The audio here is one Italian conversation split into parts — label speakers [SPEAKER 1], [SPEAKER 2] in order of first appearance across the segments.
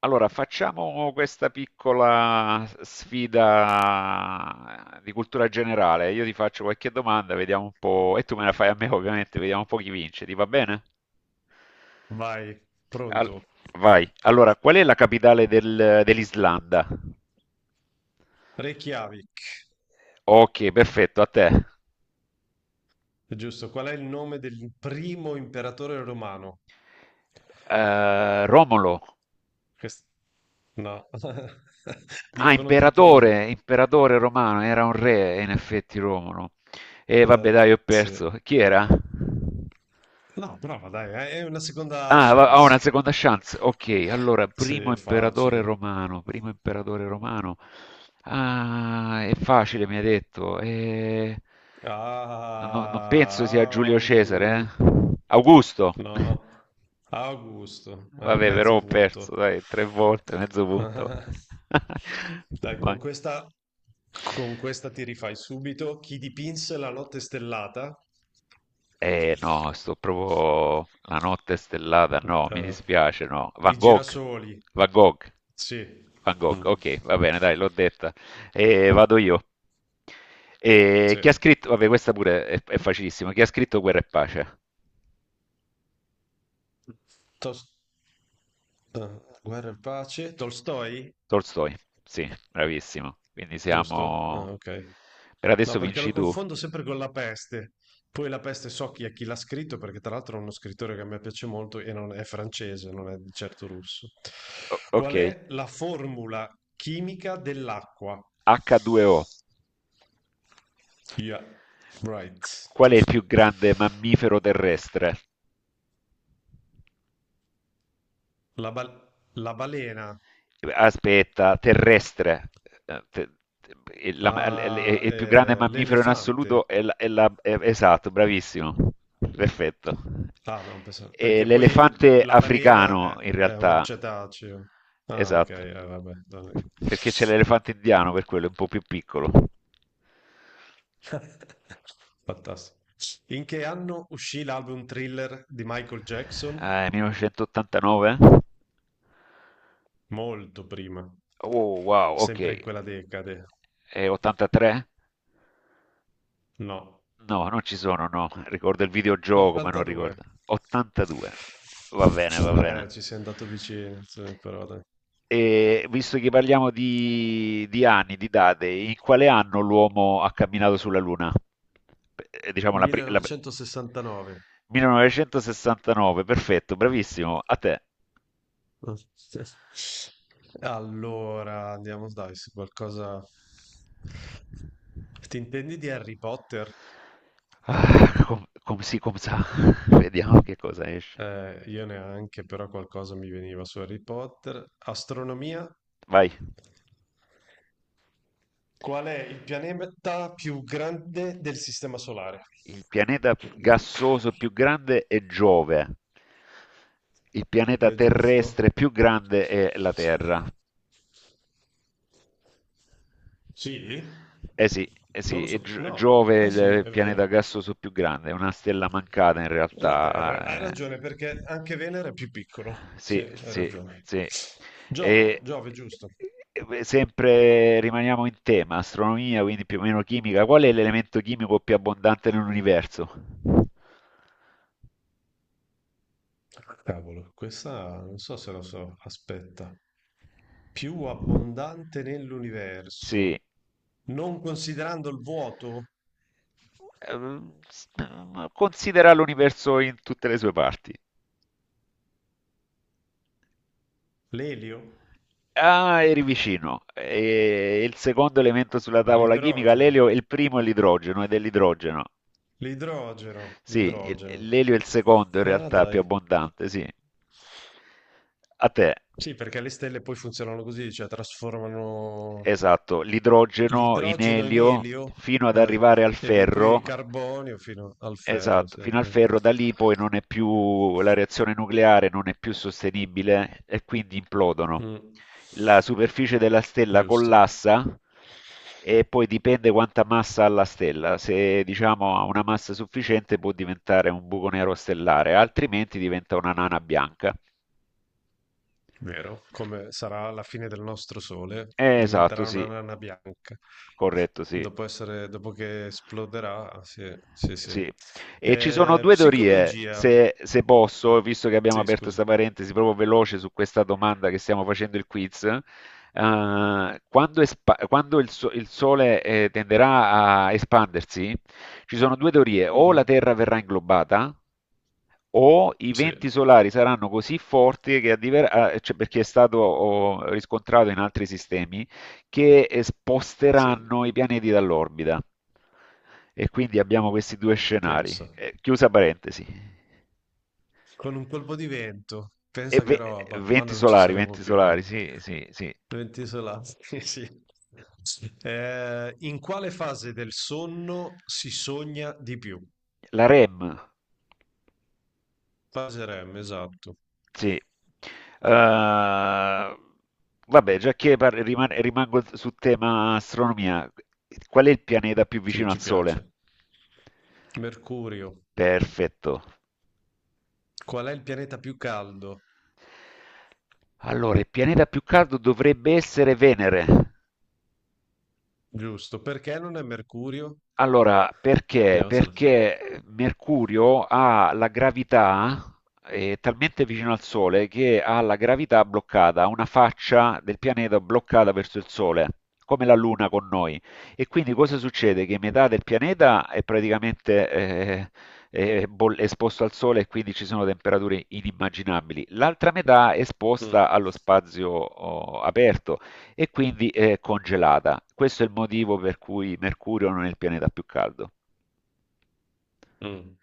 [SPEAKER 1] Allora, facciamo questa piccola sfida di cultura generale. Io ti faccio qualche domanda, vediamo un po', e tu me la fai a me, ovviamente, vediamo un po' chi vince. Ti va bene?
[SPEAKER 2] Vai,
[SPEAKER 1] Al-
[SPEAKER 2] pronto.
[SPEAKER 1] Vai. Allora, qual è la capitale dell'Islanda?
[SPEAKER 2] Reykjavik,
[SPEAKER 1] Ok, perfetto, a te.
[SPEAKER 2] giusto. Qual è il nome del primo imperatore romano?
[SPEAKER 1] Romolo.
[SPEAKER 2] Quest- No,
[SPEAKER 1] Ah,
[SPEAKER 2] dicono tutti così.
[SPEAKER 1] imperatore, imperatore romano, era un re, in effetti Romolo. E
[SPEAKER 2] Eh,
[SPEAKER 1] vabbè, dai, ho
[SPEAKER 2] sì.
[SPEAKER 1] perso. Chi era?
[SPEAKER 2] No, prova, dai, è una seconda
[SPEAKER 1] Ah, ho
[SPEAKER 2] chance.
[SPEAKER 1] una seconda chance. Ok, allora,
[SPEAKER 2] Sì,
[SPEAKER 1] primo
[SPEAKER 2] è
[SPEAKER 1] imperatore
[SPEAKER 2] facile.
[SPEAKER 1] romano, primo imperatore romano. Ah, è facile, mi ha detto. Non penso sia Giulio
[SPEAKER 2] Ah,
[SPEAKER 1] Cesare, eh?
[SPEAKER 2] au.
[SPEAKER 1] Augusto.
[SPEAKER 2] No, Augusto, vai,
[SPEAKER 1] Vabbè,
[SPEAKER 2] mezzo
[SPEAKER 1] però ho
[SPEAKER 2] punto.
[SPEAKER 1] perso, dai, tre volte, mezzo punto.
[SPEAKER 2] Dai,
[SPEAKER 1] Vai.
[SPEAKER 2] con questa ti rifai subito. Chi dipinse la notte stellata?
[SPEAKER 1] Eh no, sto proprio la notte stellata, no, mi
[SPEAKER 2] Eh,
[SPEAKER 1] dispiace, no.
[SPEAKER 2] i
[SPEAKER 1] Van Gogh,
[SPEAKER 2] girasoli.
[SPEAKER 1] Van Gogh,
[SPEAKER 2] Sì.
[SPEAKER 1] Van Gogh,
[SPEAKER 2] Mm.
[SPEAKER 1] ok, va bene, dai, l'ho detta. Vado io.
[SPEAKER 2] Sì.
[SPEAKER 1] Chi ha scritto, vabbè, questa pure è facilissima, chi ha scritto Guerra e Pace?
[SPEAKER 2] Tos- Guerra e pace, Tolstoi?
[SPEAKER 1] Tolstoi, sì, bravissimo. Quindi
[SPEAKER 2] Giusto?
[SPEAKER 1] siamo.
[SPEAKER 2] Ah, ok.
[SPEAKER 1] Per
[SPEAKER 2] No,
[SPEAKER 1] adesso
[SPEAKER 2] perché lo
[SPEAKER 1] vinci tu.
[SPEAKER 2] confondo sempre con La peste. Poi La peste so chi è chi l'ha scritto, perché tra l'altro è uno scrittore che a me piace molto e non è francese, non è di certo russo.
[SPEAKER 1] Ok,
[SPEAKER 2] Qual è la formula chimica dell'acqua?
[SPEAKER 1] H2O.
[SPEAKER 2] Yeah, right,
[SPEAKER 1] Qual è il più
[SPEAKER 2] giusto.
[SPEAKER 1] grande mammifero terrestre?
[SPEAKER 2] La balena,
[SPEAKER 1] Aspetta, terrestre. Eh, te-
[SPEAKER 2] ah,
[SPEAKER 1] il più grande mammifero in
[SPEAKER 2] l'elefante.
[SPEAKER 1] assoluto è, esatto, bravissimo, perfetto.
[SPEAKER 2] Ah, no,
[SPEAKER 1] E
[SPEAKER 2] perché poi
[SPEAKER 1] l'elefante
[SPEAKER 2] la
[SPEAKER 1] africano, in
[SPEAKER 2] è una
[SPEAKER 1] realtà,
[SPEAKER 2] cetaceo. Ah, ok,
[SPEAKER 1] esatto,
[SPEAKER 2] vabbè. No.
[SPEAKER 1] perché c'è l'elefante indiano, per quello è un po' più piccolo.
[SPEAKER 2] Fantastico. In che anno uscì l'album Thriller di Michael Jackson?
[SPEAKER 1] Ah, è 1989?
[SPEAKER 2] Molto prima.
[SPEAKER 1] Oh, wow, ok.
[SPEAKER 2] Sempre in quella decade.
[SPEAKER 1] È 83?
[SPEAKER 2] No.
[SPEAKER 1] No, non ci sono, no. Ricordo il videogioco, ma non
[SPEAKER 2] 82.
[SPEAKER 1] ricordo. 82. Va bene, va bene.
[SPEAKER 2] Ci sei andato vicino, sì, però dai.
[SPEAKER 1] E visto che parliamo di anni, di date, in quale anno l'uomo ha camminato sulla Luna? Eh, Diciamo la, pri- la-
[SPEAKER 2] 1969.
[SPEAKER 1] 1969, perfetto, bravissimo, a te.
[SPEAKER 2] Allora, andiamo dai, su qualcosa... Ti intendi di Harry Potter?
[SPEAKER 1] Ah, sì, com sa. Vediamo che cosa esce.
[SPEAKER 2] Io neanche, però qualcosa mi veniva su Harry Potter. Astronomia?
[SPEAKER 1] Vai.
[SPEAKER 2] Qual è il pianeta più grande del Sistema Solare?
[SPEAKER 1] Il pianeta gassoso più grande è Giove. Il pianeta
[SPEAKER 2] È giusto?
[SPEAKER 1] terrestre più grande è la Terra.
[SPEAKER 2] Sì?
[SPEAKER 1] Sì, eh
[SPEAKER 2] Non
[SPEAKER 1] sì,
[SPEAKER 2] lo
[SPEAKER 1] e
[SPEAKER 2] sapevo.
[SPEAKER 1] Gio-
[SPEAKER 2] No.
[SPEAKER 1] Giove
[SPEAKER 2] Eh
[SPEAKER 1] è
[SPEAKER 2] sì,
[SPEAKER 1] il
[SPEAKER 2] è
[SPEAKER 1] pianeta
[SPEAKER 2] vero.
[SPEAKER 1] gassoso più grande, è una stella mancata in
[SPEAKER 2] La
[SPEAKER 1] realtà.
[SPEAKER 2] Terra, hai ragione perché anche Venere è più piccolo. Sì,
[SPEAKER 1] Sì,
[SPEAKER 2] hai
[SPEAKER 1] sì,
[SPEAKER 2] ragione.
[SPEAKER 1] sì.
[SPEAKER 2] Giove,
[SPEAKER 1] E,
[SPEAKER 2] Giove, giusto.
[SPEAKER 1] Sempre rimaniamo in tema, astronomia, quindi più o meno chimica. Qual è l'elemento chimico più abbondante nell'universo?
[SPEAKER 2] Cavolo, questa non so se lo so. Aspetta. Più abbondante
[SPEAKER 1] Sì.
[SPEAKER 2] nell'universo, non considerando il vuoto,
[SPEAKER 1] Ehm, s- Considera l'universo in tutte le sue parti.
[SPEAKER 2] l'elio,
[SPEAKER 1] Ah, eri vicino. E il secondo elemento sulla tavola chimica,
[SPEAKER 2] l'idrogeno,
[SPEAKER 1] l'elio, il primo è l'idrogeno, ed è l'idrogeno. Sì,
[SPEAKER 2] l'idrogeno.
[SPEAKER 1] l'elio è il secondo in
[SPEAKER 2] Ah,
[SPEAKER 1] realtà più
[SPEAKER 2] dai.
[SPEAKER 1] abbondante, sì. A te.
[SPEAKER 2] Sì, perché le stelle poi funzionano così, cioè trasformano
[SPEAKER 1] Esatto, l'idrogeno in
[SPEAKER 2] l'idrogeno in
[SPEAKER 1] elio
[SPEAKER 2] elio,
[SPEAKER 1] fino ad
[SPEAKER 2] eh,
[SPEAKER 1] arrivare al
[SPEAKER 2] poi
[SPEAKER 1] ferro.
[SPEAKER 2] carbonio fino al ferro,
[SPEAKER 1] Esatto,
[SPEAKER 2] sì,
[SPEAKER 1] fino al
[SPEAKER 2] eh.
[SPEAKER 1] ferro da lì poi non è più la reazione nucleare non è più sostenibile e quindi implodono.
[SPEAKER 2] Mm.
[SPEAKER 1] La superficie della stella
[SPEAKER 2] Giusto,
[SPEAKER 1] collassa e poi dipende quanta massa ha la stella. Se diciamo ha una massa sufficiente può diventare un buco nero stellare, altrimenti diventa una nana bianca.
[SPEAKER 2] vero, come sarà la fine del nostro sole,
[SPEAKER 1] Esatto,
[SPEAKER 2] diventerà
[SPEAKER 1] sì,
[SPEAKER 2] una nana bianca.
[SPEAKER 1] corretto, sì.
[SPEAKER 2] Dopo essere, dopo che esploderà, sì, sì, sì.
[SPEAKER 1] Sì, e ci sono 2 teorie,
[SPEAKER 2] Psicologia,
[SPEAKER 1] se posso, visto che abbiamo
[SPEAKER 2] sì,
[SPEAKER 1] aperto
[SPEAKER 2] scusa.
[SPEAKER 1] 'sta parentesi proprio veloce su questa domanda che stiamo facendo il quiz, quando espa quando il Sole, tenderà a espandersi, ci sono 2 teorie: o la
[SPEAKER 2] Mhm,
[SPEAKER 1] Terra verrà inglobata o i
[SPEAKER 2] sì,
[SPEAKER 1] venti solari saranno così forti che cioè, perché è stato riscontrato in altri sistemi che
[SPEAKER 2] sì.
[SPEAKER 1] sposteranno i pianeti dall'orbita. E quindi abbiamo questi due
[SPEAKER 2] Pensa,
[SPEAKER 1] scenari. Chiusa parentesi.
[SPEAKER 2] con un colpo di vento,
[SPEAKER 1] E
[SPEAKER 2] pensa che
[SPEAKER 1] ve-
[SPEAKER 2] roba, ma
[SPEAKER 1] Venti
[SPEAKER 2] noi non ci
[SPEAKER 1] solari,
[SPEAKER 2] saremo
[SPEAKER 1] venti
[SPEAKER 2] più, dai.
[SPEAKER 1] solari, sì, sì, sì.
[SPEAKER 2] Venti isolati, sì. In quale fase del sonno si sogna di più?
[SPEAKER 1] La REM.
[SPEAKER 2] Fase REM, esatto.
[SPEAKER 1] Sì. Eh, Vabbè, già che rimango su tema astronomia, qual è il pianeta più
[SPEAKER 2] Sì,
[SPEAKER 1] vicino al
[SPEAKER 2] ci
[SPEAKER 1] Sole?
[SPEAKER 2] piace. Mercurio.
[SPEAKER 1] Perfetto.
[SPEAKER 2] Qual è il pianeta più caldo?
[SPEAKER 1] Allora, il pianeta più caldo dovrebbe essere Venere.
[SPEAKER 2] Giusto. Perché non è Mercurio?
[SPEAKER 1] Allora, perché?
[SPEAKER 2] Vediamo se la...
[SPEAKER 1] Perché Mercurio ha la gravità, è talmente vicino al Sole che ha la gravità bloccata, ha una faccia del pianeta bloccata verso il Sole, come la Luna con noi. E quindi cosa succede? Che metà del pianeta è praticamente è esposto al Sole e quindi ci sono temperature inimmaginabili. L'altra metà è
[SPEAKER 2] Mm,
[SPEAKER 1] esposta allo spazio aperto e quindi è congelata. Questo è il motivo per cui Mercurio non è il pianeta più caldo.
[SPEAKER 2] mm.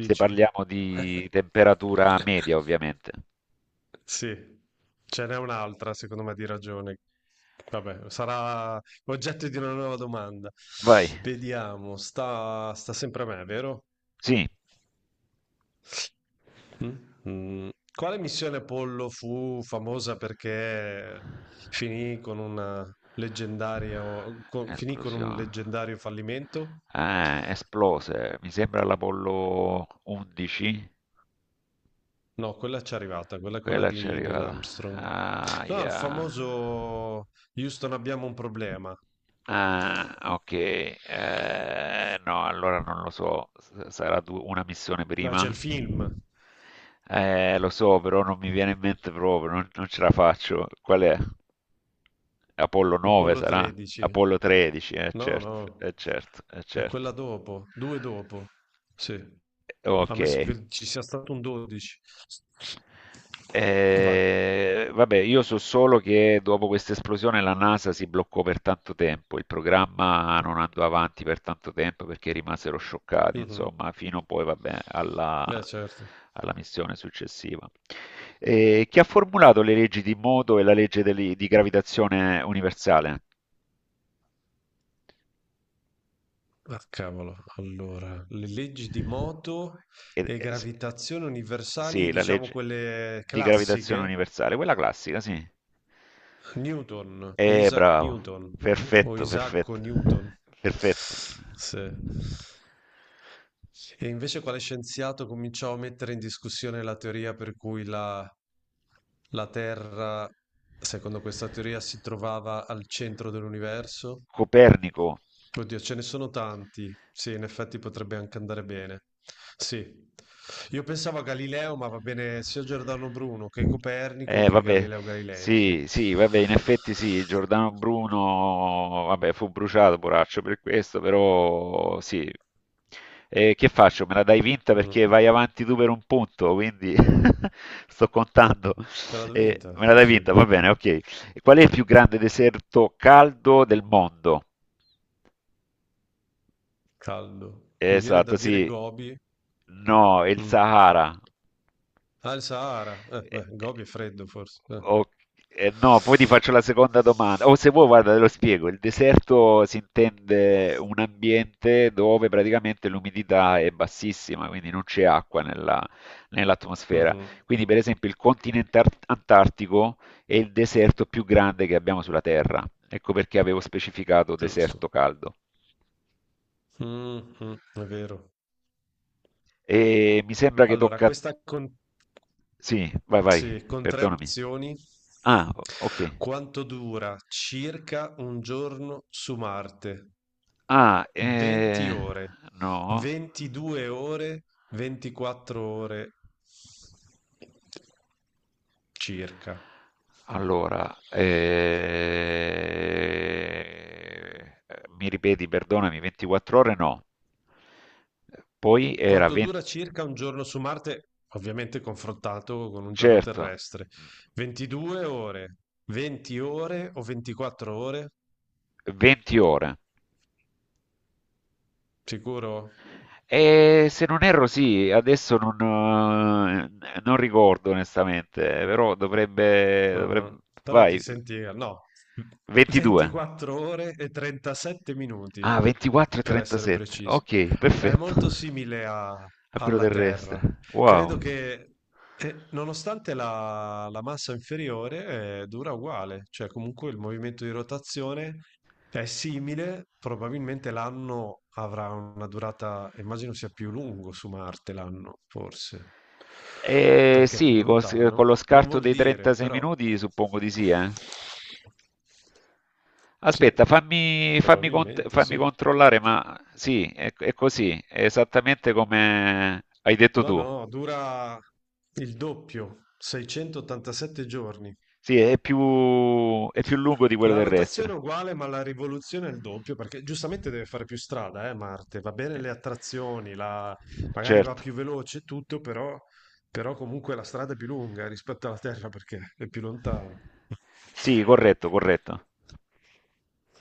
[SPEAKER 1] Se parliamo di temperatura media, ovviamente.
[SPEAKER 2] Sì, ce n'è un'altra secondo me di ragione. Vabbè, sarà oggetto di una nuova domanda.
[SPEAKER 1] Vai.
[SPEAKER 2] Vediamo, sta sempre a me, vero?
[SPEAKER 1] Sì.
[SPEAKER 2] Mm? Mm. Quale missione Apollo fu famosa perché finì con una leggendaria, con- finì con un
[SPEAKER 1] Esplosione.
[SPEAKER 2] leggendario fallimento?
[SPEAKER 1] Ah, esplose. Mi sembra l'Apollo 11.
[SPEAKER 2] No, quella ci è arrivata, quella è quella
[SPEAKER 1] Quella ci è
[SPEAKER 2] di Neil
[SPEAKER 1] arrivata.
[SPEAKER 2] Armstrong. No, il
[SPEAKER 1] Aia.
[SPEAKER 2] famoso Houston abbiamo un problema.
[SPEAKER 1] Ah, ok. No, allora non lo so. Sarà una missione
[SPEAKER 2] Ma c'è il
[SPEAKER 1] prima?
[SPEAKER 2] film,
[SPEAKER 1] Lo so, però non mi viene in mente proprio, non ce la faccio. Qual è? Apollo 9
[SPEAKER 2] Apollo
[SPEAKER 1] sarà?
[SPEAKER 2] 13.
[SPEAKER 1] Apollo 13, eh
[SPEAKER 2] No,
[SPEAKER 1] certo, eh
[SPEAKER 2] no,
[SPEAKER 1] certo, eh
[SPEAKER 2] è quella
[SPEAKER 1] certo.
[SPEAKER 2] dopo, due dopo. Sì,
[SPEAKER 1] Ok,
[SPEAKER 2] ammesso che ci sia stato un 12. Vai.
[SPEAKER 1] Eh, vabbè, io so solo che dopo questa esplosione la NASA si bloccò per tanto tempo, il programma non andò avanti per tanto tempo perché rimasero scioccati,
[SPEAKER 2] Mhm.
[SPEAKER 1] insomma, fino poi, vabbè, alla,
[SPEAKER 2] Beh, certo.
[SPEAKER 1] alla missione successiva. Chi ha formulato le leggi di moto e la legge di gravitazione universale?
[SPEAKER 2] Ah, cavolo, allora, le leggi di moto
[SPEAKER 1] Ed-
[SPEAKER 2] e
[SPEAKER 1] eh, s-
[SPEAKER 2] gravitazione universali,
[SPEAKER 1] sì, la
[SPEAKER 2] diciamo
[SPEAKER 1] legge
[SPEAKER 2] quelle
[SPEAKER 1] di gravitazione
[SPEAKER 2] classiche,
[SPEAKER 1] universale, quella classica, sì.
[SPEAKER 2] Newton, Isaac
[SPEAKER 1] Bravo.
[SPEAKER 2] Newton o
[SPEAKER 1] Perfetto,
[SPEAKER 2] Isacco
[SPEAKER 1] perfetto.
[SPEAKER 2] Newton.
[SPEAKER 1] Perfetto.
[SPEAKER 2] Sì. E invece quale scienziato cominciò a mettere in discussione la teoria per cui la Terra, secondo questa teoria, si trovava al centro dell'universo?
[SPEAKER 1] Copernico.
[SPEAKER 2] Oddio, ce ne sono tanti. Sì, in effetti potrebbe anche andare bene. Sì. Io pensavo a Galileo, ma va bene sia Giordano Bruno che Copernico che
[SPEAKER 1] Vabbè,
[SPEAKER 2] Galileo Galilei, sì.
[SPEAKER 1] sì, sì, vabbè, in effetti sì, Giordano Bruno, vabbè, fu bruciato, poraccio, per questo, però sì. Che faccio? Me la dai vinta
[SPEAKER 2] Mm,
[SPEAKER 1] perché vai avanti tu per un punto, quindi sto contando.
[SPEAKER 2] me l'ha vinta,
[SPEAKER 1] Me la
[SPEAKER 2] sì,
[SPEAKER 1] dai
[SPEAKER 2] sì.
[SPEAKER 1] vinta, va bene, ok. Qual è il più grande deserto caldo del mondo?
[SPEAKER 2] Caldo. Mi viene da
[SPEAKER 1] Esatto,
[SPEAKER 2] dire
[SPEAKER 1] sì.
[SPEAKER 2] Gobi.
[SPEAKER 1] No, è il
[SPEAKER 2] Mm.
[SPEAKER 1] Sahara.
[SPEAKER 2] Ah, il Sahara.
[SPEAKER 1] Eh,
[SPEAKER 2] Beh,
[SPEAKER 1] eh,
[SPEAKER 2] Gobi è freddo forse.
[SPEAKER 1] ok, no, poi ti faccio la seconda domanda. O se vuoi, guarda, te lo spiego. Il deserto si intende un ambiente dove praticamente l'umidità è bassissima, quindi non c'è acqua nell'atmosfera.
[SPEAKER 2] Mhm,
[SPEAKER 1] Quindi, per esempio, il continente antartico è il deserto più grande che abbiamo sulla Terra. Ecco perché avevo specificato
[SPEAKER 2] giusto.
[SPEAKER 1] deserto caldo.
[SPEAKER 2] Mhm, è vero.
[SPEAKER 1] E mi sembra che
[SPEAKER 2] Allora,
[SPEAKER 1] tocca a.
[SPEAKER 2] questa con...
[SPEAKER 1] Sì, vai, vai,
[SPEAKER 2] sì, con tre
[SPEAKER 1] perdonami.
[SPEAKER 2] opzioni.
[SPEAKER 1] Ah, ok.
[SPEAKER 2] Quanto dura circa un giorno su Marte?
[SPEAKER 1] Ah,
[SPEAKER 2] 20 ore,
[SPEAKER 1] no.
[SPEAKER 2] 22 ore, 24 ore circa.
[SPEAKER 1] Allora, mi ripeti, perdonami, 24 ore no. Poi era
[SPEAKER 2] Quanto
[SPEAKER 1] 20,
[SPEAKER 2] dura circa un giorno su Marte, ovviamente confrontato con un giorno
[SPEAKER 1] certo,
[SPEAKER 2] terrestre? 22 ore, 20 ore o 24 ore?
[SPEAKER 1] 20 ore.
[SPEAKER 2] Sicuro?
[SPEAKER 1] E se non erro, sì, adesso non ricordo onestamente, però dovrebbe.
[SPEAKER 2] Mhm. Però ti
[SPEAKER 1] Vai,
[SPEAKER 2] senti, no,
[SPEAKER 1] 22.
[SPEAKER 2] 24 ore e 37 minuti,
[SPEAKER 1] Ah, 24 e
[SPEAKER 2] per essere
[SPEAKER 1] 37.
[SPEAKER 2] precisi.
[SPEAKER 1] Ok,
[SPEAKER 2] È
[SPEAKER 1] perfetto.
[SPEAKER 2] molto simile
[SPEAKER 1] A quello
[SPEAKER 2] alla
[SPEAKER 1] terrestre.
[SPEAKER 2] Terra. Credo
[SPEAKER 1] Wow.
[SPEAKER 2] che nonostante la massa inferiore dura uguale, cioè comunque il movimento di rotazione è simile, probabilmente l'anno avrà una durata, immagino sia più lungo su Marte l'anno, forse,
[SPEAKER 1] Eh
[SPEAKER 2] perché è più
[SPEAKER 1] sì, con,
[SPEAKER 2] lontano,
[SPEAKER 1] lo
[SPEAKER 2] non
[SPEAKER 1] scarto
[SPEAKER 2] vuol
[SPEAKER 1] dei
[SPEAKER 2] dire,
[SPEAKER 1] 36
[SPEAKER 2] però
[SPEAKER 1] minuti suppongo di sì.
[SPEAKER 2] sì,
[SPEAKER 1] Aspetta, fammi, fammi cont-
[SPEAKER 2] probabilmente
[SPEAKER 1] fammi
[SPEAKER 2] sì.
[SPEAKER 1] controllare, ma sì, è così, è esattamente come hai detto
[SPEAKER 2] No,
[SPEAKER 1] tu.
[SPEAKER 2] no, dura il doppio, 687 giorni.
[SPEAKER 1] Sì, è più lungo di quello
[SPEAKER 2] La rotazione è
[SPEAKER 1] terrestre.
[SPEAKER 2] uguale, ma la rivoluzione è il doppio, perché giustamente deve fare più strada, Marte. Va bene
[SPEAKER 1] Eh,
[SPEAKER 2] le attrazioni, magari va
[SPEAKER 1] Certo.
[SPEAKER 2] più veloce e tutto, però... però comunque la strada è più lunga rispetto alla Terra perché è più lontano.
[SPEAKER 1] Sì, corretto, corretto.